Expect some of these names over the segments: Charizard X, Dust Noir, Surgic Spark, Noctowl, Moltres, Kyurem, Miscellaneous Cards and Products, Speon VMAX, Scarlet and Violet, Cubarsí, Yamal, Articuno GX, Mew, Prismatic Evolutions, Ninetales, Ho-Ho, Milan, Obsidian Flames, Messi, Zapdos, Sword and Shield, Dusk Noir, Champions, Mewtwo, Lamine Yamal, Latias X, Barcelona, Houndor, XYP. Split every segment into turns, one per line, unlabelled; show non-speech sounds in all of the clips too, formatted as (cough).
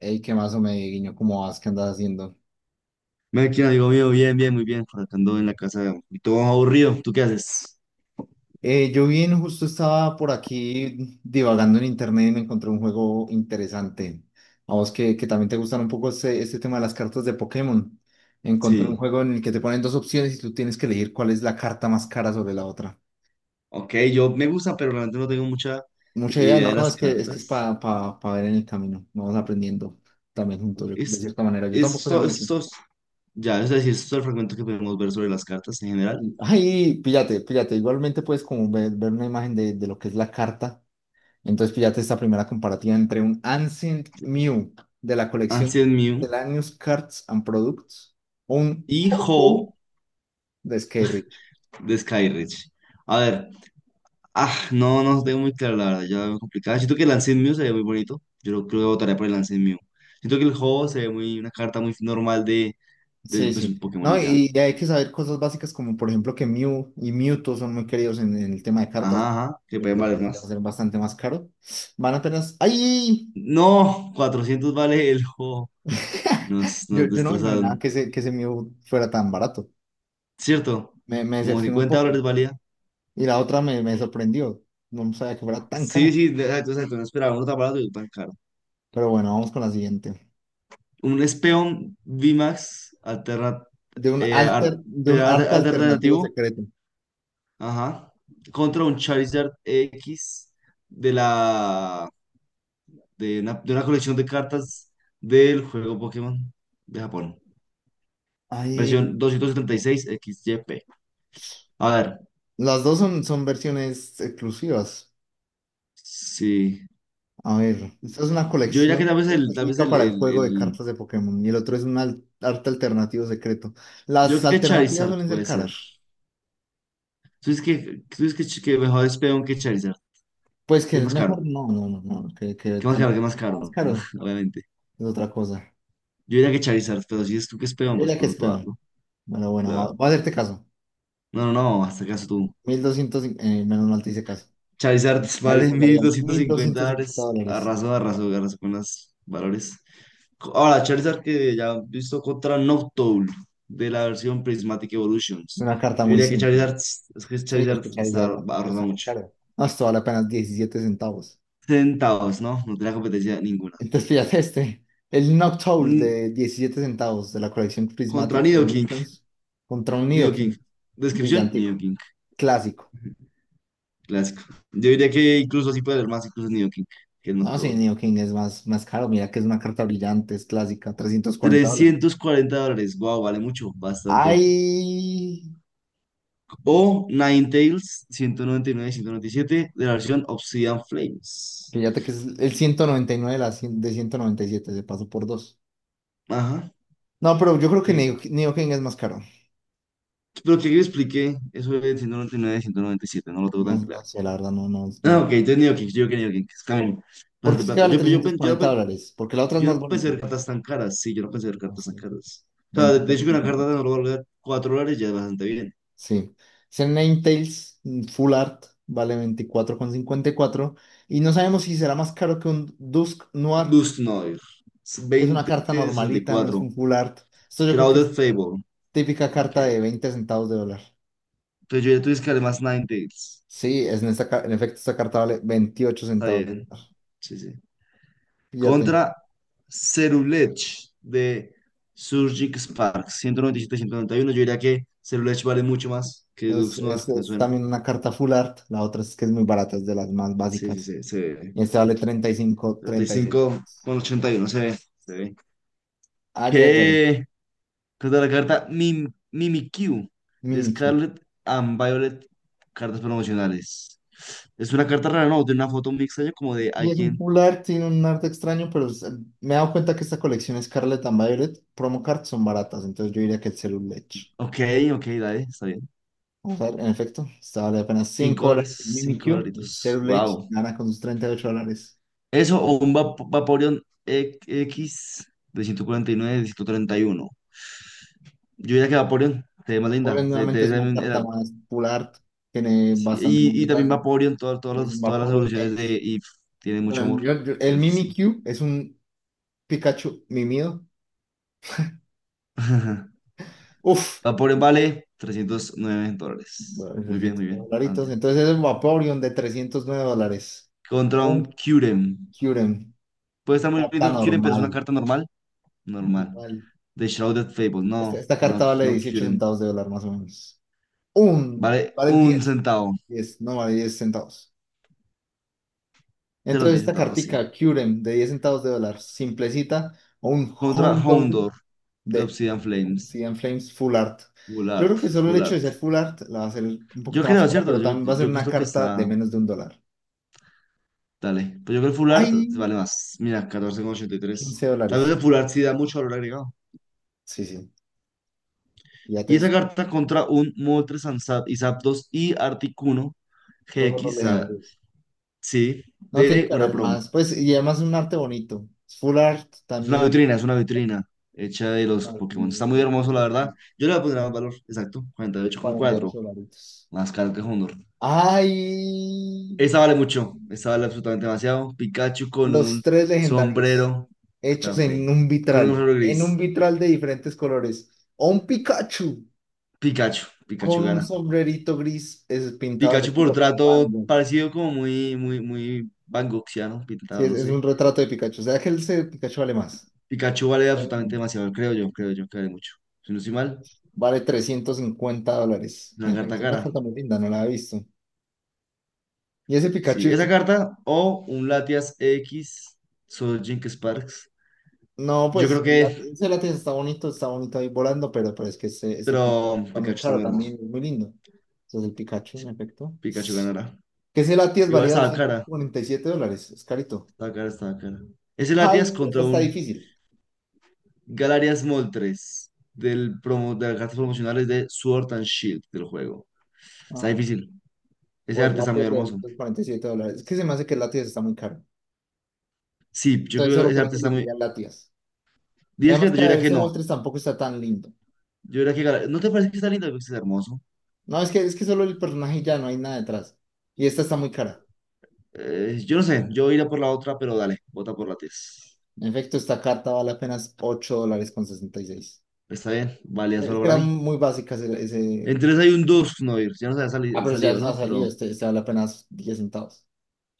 Ey, ¿qué más me guiño? ¿Cómo vas? ¿Qué andas haciendo?
Melkin, amigo mío, bien, bien, muy bien. Por acá ando en la casa y todo aburrido. ¿Tú qué haces?
Yo bien, justo estaba por aquí divagando en internet y me encontré un juego interesante. A vos que también te gustan un poco este tema de las cartas de Pokémon. Encontré un
Sí.
juego en el que te ponen dos opciones y tú tienes que elegir cuál es la carta más cara sobre la otra.
Ok, yo me gusta, pero realmente no tengo mucha
Mucha idea,
idea
no,
de
no,
las
es que es
cartas.
para ver en el camino. Vamos aprendiendo también
Ok,
juntos, de cierta manera. Yo
Es,
tampoco sé
so-
mucho.
es so- ya, es decir, es todo el fragmento que podemos ver sobre las cartas en general.
Ay, píllate, píllate. Igualmente puedes como ver una imagen de lo que es la carta. Entonces, píllate esta primera comparativa entre un Ancient Mew de la colección
Ancient Mew
Miscellaneous Cards and Products, un
y
Ho-Ho
Ho
de Skyreach.
de Skyreach. A ver, ah, no, no tengo muy claro, la verdad, ya veo complicada. Siento que el Ancient Mew se ve muy bonito. Yo creo que votaría por el Ancient Mew. Siento que el Ho se ve muy, una carta muy normal de,
Sí,
pues,
sí.
un Pokémon
No,
y ya.
y ya hay que saber cosas básicas como, por ejemplo, que Mew y Mewtwo son muy queridos en el tema de cartas.
Ajá, ajá, que
Yo
pueden
creo que
valer
va a
más.
ser bastante más caro. Van apenas. ¡Ay!
No, 400 vale el juego.
(laughs)
Nos,
Yo,
nos
yo no me imaginaba
destrozaron.
que que ese Mew fuera tan barato.
¿Cierto?
Me
Como
decepcionó un
50
poco.
dólares valía.
Y la otra me sorprendió. No sabía que fuera tan
Sí,
cara.
sí, exacto, exacto. No esperaba uno tan barato y tan caro.
Pero bueno, vamos con la siguiente.
Un Speon VMAX
de un alter, de un arte alternativo
alternativo.
secreto.
Ajá. Contra un Charizard X de la de una colección de cartas del juego Pokémon de Japón.
Ahí,
Versión 276 XYP. A ver.
las dos son versiones exclusivas.
Sí.
A ver, esta es una
Yo diría que tal
colección
vez el, tal vez
específica
el,
para el
el,
juego de
el-
cartas de Pokémon y el otro es un arte alternativo secreto.
Yo
Las
creo que
alternativas
Charizard
suelen ser
puede ser.
caras.
Tú dices que mejor es Speon que Charizard.
Pues que
¿Que es
es
más
mejor,
caro?
no, no, no, no, que
¿Qué más
tal
caro?
vez
¿Qué más
está más
caro?
caro
(laughs) Obviamente.
es otra cosa.
Yo diría que Charizard, pero si es tú que es
Yo
Speon, pues
diría que es
podemos
peón.
probarlo.
Bueno, bueno,
Pero-
voy a hacerte caso.
no, no, no, no, hasta acaso tú.
1200, menos mal te hice caso.
Charizard (laughs)
Chavis
vale mil
guardia,
doscientos
mil
cincuenta
doscientos cincuenta
dólares.
dólares.
Arraso, arraso, arraso con los valores. Ahora, Charizard que ya he visto contra Noctowl de la versión Prismatic Evolutions.
Una carta
Yo
muy
diría que
simple.
Charizard, es que
Sí,
Charizard
escuchar y
está
salva.
arrasando
Está muy
mucho.
caro. No, esto vale apenas 17 centavos.
Sentados, ¿no? No tenía competencia ninguna.
Entonces, fíjate (laughs) este. El Noctowl
Mm,
de 17 centavos de la colección
Contra
Prismatic
Nido King.
Evolutions contra un
Nido King.
Nidoking.
Descripción, Nido
Brillantico.
King.
Clásico.
Clásico. Yo diría que incluso así puede haber más, incluso Nido King, que no
No, sí,
todo.
Nidoking es más caro. Mira que es una carta brillante, es clásica. $340.
$340. Wow, vale mucho, bastante.
Ay.
O Ninetales, 199/197 de la versión Obsidian Flames.
Fíjate que es el 199 de 197. Se pasó por dos.
Ajá.
No, pero yo creo que
Sí.
Nidoking es más caro.
Pero que yo expliqué, eso es ciento noventa y nueve, ciento noventa y siete, no lo tengo
No,
tan
no
claro.
sé, la verdad, no, no,
Ah,
no.
ok, entonces Nido King, yo creo que Nido King, es camino.
Porque
Bastante
es que
plata.
vale
Yo, yo, yo,
340
yo
dólares, porque la otra es
Yo
más
no pensé
bonita.
ver cartas tan caras. Sí, yo no pensé ver
No
cartas tan
sé,
caras. O sea, de,
veinticuatro
hecho,
con
que una
cincuenta y
carta
cuatro,
de no valga $4 ya es bastante bien.
Sí. Ese Ninetales Full Art vale 24,54 y no sabemos si será más caro que un Dusk Noir,
Dust Noir.
que es una carta normalita, no es
20.64.
un Full Art. Esto yo creo que es
Shrouded Fable.
típica
Ok.
carta de 20 centavos de dólar.
Entonces yo ya tuve que además Ninetales.
Sí, es en, esta ca- en efecto esta carta vale veintiocho
Está
centavos de
bien.
dólar.
Sí, sí.
Fíjate,
Contra Cerulege de Surgic Spark. 197/191. Yo diría que Cerulege vale mucho más que
es,
Dux Noir.
es,
Me
es
suena.
también una carta Full Art, la otra es que es muy barata, es de las más
Sí, sí,
básicas.
sí. Se ve.
Y esta vale treinta treinta y cinco
treinta y
treinta y seis.
cinco con ochenta y uno Se ve. Se ve.
Ayayay,
¿Qué? Carta de la carta Mimikyu de
Mimikyu.
Scarlet and Violet, cartas promocionales. Es una carta rara, ¿no? De una foto muy extraña como de
Y es un
alguien.
full art, tiene un arte extraño, pero me he dado cuenta que esta colección Scarlet and Violet promo cards son baratas, entonces yo diría que el Cerulege.
Ok, ok, dale, está bien.
Vamos a ver, en efecto, está vale apenas
Cinco
$5
dólares,
el
cinco
Mimikyu, y el
dolaritos.
Cerulege
Wow.
gana con sus $38.
Eso o un Vaporeon E- X de 149, de 131. Yo diría que Vaporeon te ve más
Vaporeon
linda. Se
nuevamente
te
es
ve
una
también el
carta
ar-
más full art, tiene
Sí,
bastante más
y también
detalle,
Vaporeon, todas
y es un
las
Vaporeon
evoluciones de
X.
Eve tienen mucho
Bueno,
amor.
el
Entonces, sí.
Mimikyu es un Pikachu mimido.
(laughs)
Uf,
Vaporeon vale $309.
bueno,
Muy bien,
300
muy bien.
dolaritos.
Adelante.
Entonces es un Vaporeon de $309.
Contra un
Un
Kyurem.
Kyurem.
Puede estar muy
Carta
lindo Kyurem, pero es una
normal.
carta normal. Normal.
Normal.
The Shrouded Fable.
Esta,
No,
esta
no,
carta vale
no
18
Kyurem.
centavos de dólar más o menos. Un.
Vale
Vale
un
diez
centavo.
diez No vale 10 centavos.
Perdón,
Entonces
10
esta
centavos, sí.
cartica Kyurem de 10 centavos de dólar. Simplecita. O un
Contra
Houndour
Houndor de
de
Obsidian Flames.
Sea and Flames Full Art.
Full
Yo
art,
creo que solo el
full
hecho de
art.
ser Full Art la va a hacer un
Yo
poquito más
creo,
cara,
¿cierto?
pero
Yo,
también va a ser
yo creo que es
una
lo que
carta
está.
de menos de un dólar.
Dale. Pues yo creo que el full art
¡Ay!
vale más. Mira,
quince
14,83. Tal vez
dólares.
el full art sí da mucho valor agregado.
Sí, sí. Ya te
Y esa
está.
carta contra un Moltres Zap y Zapdos y Articuno
Todos los
GX, ah,
legendarios.
sí,
No tiene
de
que
una
haber
promo.
más. Pues, y además es un arte bonito. Es Full art también.
Es una
Clasicista.
vitrina hecha de
No,
los
lo
Pokémon.
tiene
Está muy
con
hermoso, la verdad. Yo le voy a poner más valor, exacto, cuarenta y ocho coma
48
cuatro
dolaritos.
más caro que Honor.
¡Ay!
Esta vale mucho, esta vale absolutamente demasiado. Pikachu con
Los
un
tres legendarios.
sombrero
Hechos
café,
en un
con un
vitral.
sombrero
En un
gris.
vitral de diferentes colores. O un Pikachu
Pikachu, Pikachu
con un
gana.
sombrerito gris es pintado de
Pikachu por
estilo Van
trato
Gogh.
parecido como muy, muy, muy Van Goghsiano,
Sí,
pintado,
es,
no
es un
sé.
retrato de Pikachu. O sea que Pikachu vale más.
Pikachu vale absolutamente demasiado, creo yo que vale mucho. Si no estoy mal,
Vale $350. (laughs)
la
Mira, es
carta
una
cara.
carta muy linda, no la he visto. ¿Y ese
Sí,
Pikachu?
esa carta o un Latias X, solo Jink Sparks.
No,
Yo
pues
creo que,
ese látigo está bonito ahí volando, pero es que ese
pero
Pikachu está muy
Pikachu está
caro
muy hermoso.
también, es muy lindo. Entonces el Pikachu, en
Sí,
efecto.
Pikachu ganará.
Que ese látigo
Igual
valía
estaba
doscientos
cara,
cuarenta y siete dólares, es carito.
estaba cara, estaba cara. Ese
Ay,
Latias
no, esa
contra
está
un
difícil.
Galarias Moltres del promo, de las cartas promocionales de Sword and Shield del juego. Está
Ah,
difícil. Ese
o el
arte está muy
látigo de
hermoso.
$247. Es que se me hace que el látigo está muy caro.
Sí, yo
Entonces
creo que
solo
ese
por
arte
eso le
está muy.
diría látigas. Y
10 que yo
además que a ver,
diría que
ese
no.
Moltres tampoco está tan lindo.
Yo diría que ¿No te parece que está lindo? Que está hermoso.
No, es que solo el personaje y ya no hay nada detrás. Y esta está muy cara.
Yo no sé, yo iré por la otra, pero dale, vota por la 10.
En efecto, esta carta vale apenas $8 con 66.
Está bien, valía
Es
solo
que
para
eran
mí.
muy básicas ese.
En 3 hay un 2 no, ir. Ya no se había
Ah, pero ya
salido,
nos ha
¿no?
salido.
Pero,
Este vale apenas 10 centavos.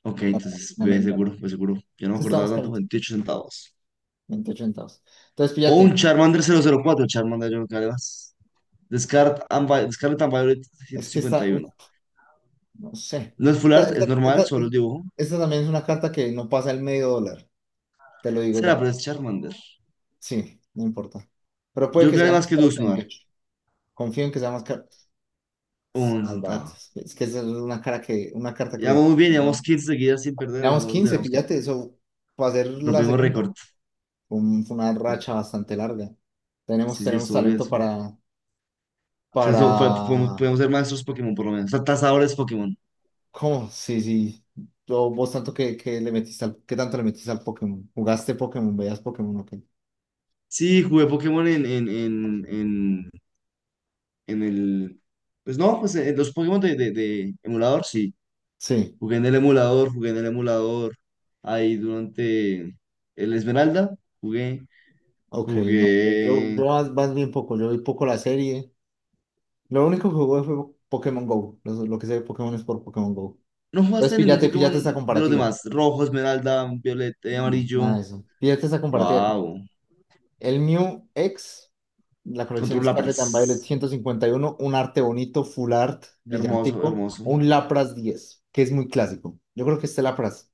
ok,
No,
entonces,
no, no, no,
ve
no. No.
seguro, ve seguro. Yo no me
Este está
acordaba
más
tanto,
carito.
28 centavos.
28 centavos. Entonces,
O un
fíjate.
Charmander 004 Charmander, yo no creo que vale más. Scarlet and Violet ciento
Es que
cincuenta
esta,
y
uf,
uno
no sé.
No es full
Esta,
art,
esta-
es normal,
esta- es-
solo el dibujo.
esta también es una carta que no pasa el medio dólar. Te lo digo
Será,
ya.
pero es Charmander.
Sí, no importa. Pero puede
Yo creo
que
que vale
sea
más
más
que
caro que
Dusk Noir.
veintiocho. Confío en que sea más caro.
Un
Más
centavo.
baratas. Es que esa es una una carta
Llevamos
que
muy bien,
no.
llevamos 15 seguidas sin perder. En
Llevamos
algún momento
15,
tenemos que.
píllate, eso va a ser la
Rompimos
segunda.
récord.
Fue una racha bastante larga. Tenemos,
Sí, sí,
tenemos
estuvo bien,
talento
estuvo bien.
para,
O sea,
para,
podemos ser maestros Pokémon por lo menos. Tasadores Pokémon.
¿cómo? Sí, sí. Vos tanto que ¿qué tanto le metiste al Pokémon? ¿Jugaste Pokémon? ¿Veías Pokémon? Ok.
Sí, jugué Pokémon en el. Pues no, pues en los Pokémon de emulador, sí.
Sí,
Jugué en el emulador, jugué en el emulador. Ahí durante el Esmeralda, jugué,
ok, no. Yo, yo,
jugué.
yo más bien poco, yo vi poco la serie. Lo único que jugué fue Pokémon Go. Lo que sé de Pokémon es por Pokémon Go.
¿No
Entonces,
jugaste ningún
píllate,
Pokémon
píllate esta
de los
comparativa.
demás? Rojo, Esmeralda, Violeta,
No, nada de
Amarillo.
eso. Fíjate esa compartida.
Wow.
El Mew X, la
Control
colección Scarlet
Lapras.
and Violet 151, un arte bonito, full art,
Hermoso,
brillantico,
hermoso.
o un Lapras 10 que es muy clásico. Yo creo que este Lapras.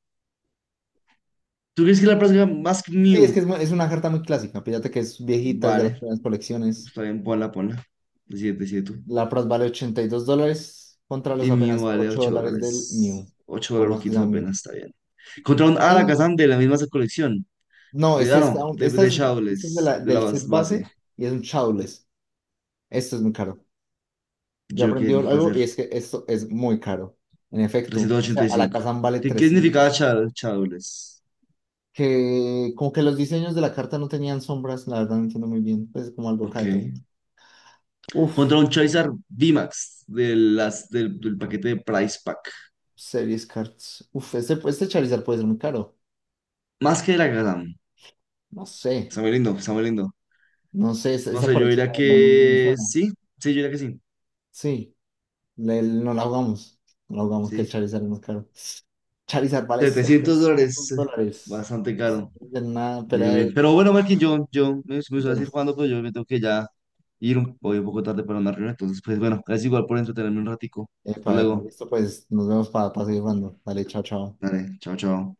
¿Tú crees que la próxima más que
Sí, es
Mew?
que es una carta muy clásica. Fíjate que es viejita, es de las
Vale,
primeras colecciones.
está bien, ponla, ponla. Decide, decide tú.
Lapras vale $82 contra los
Y Mew
apenas
vale
8
8
dólares del
dólares.
Mew,
8
por más que
dolaruquitos
sea un
apenas,
Mew.
está bien. Contra un
Ay,
Alakazam de la misma colección.
no,
De, ah, no,
esta
de
es, esta es
Shadowless, de la
del set
base.
base y es un Shadowless. Esto es muy caro. Yo
Yo
aprendí
creo que va a
algo
ser
y es que esto es muy caro. En efecto,
trescientos
o sea,
ochenta y
a la
cinco
casa vale
¿Qué significaba
trescientos.
Shadowless?
Que como que los diseños de la carta no tenían sombras, la verdad no entiendo muy bien. Pues como algo acá
Ok.
detrás. Uf,
Contra un Charizard VMAX del paquete de Price Pack.
series cards. Uf, este Charizard puede ser muy caro.
Más que el Alakazam.
No sé,
Está muy lindo, está muy lindo.
no sé, esa,
No
esa
sé, yo
colección la
diría
verdad no, no me
que
suena.
sí. Sí, yo diría que sí.
Sí, no la jugamos. No la jugamos que el
Sí,
Charizard es más caro. Charizard vale
$700,
700 dólares.
bastante
Es
caro.
de una
Muy
pelea
bien, bien.
de,
Pero bueno, Marquín, yo me suelo
de
decir cuando, pero yo me tengo que ya ir un, voy un poco tarde para una reunión. Entonces, pues bueno, gracias igual por entretenerme un ratico. Hasta
Epa, epa,
luego.
listo, pues nos vemos para seguir jugando. Dale, chao, chao.
Dale, chao, chao.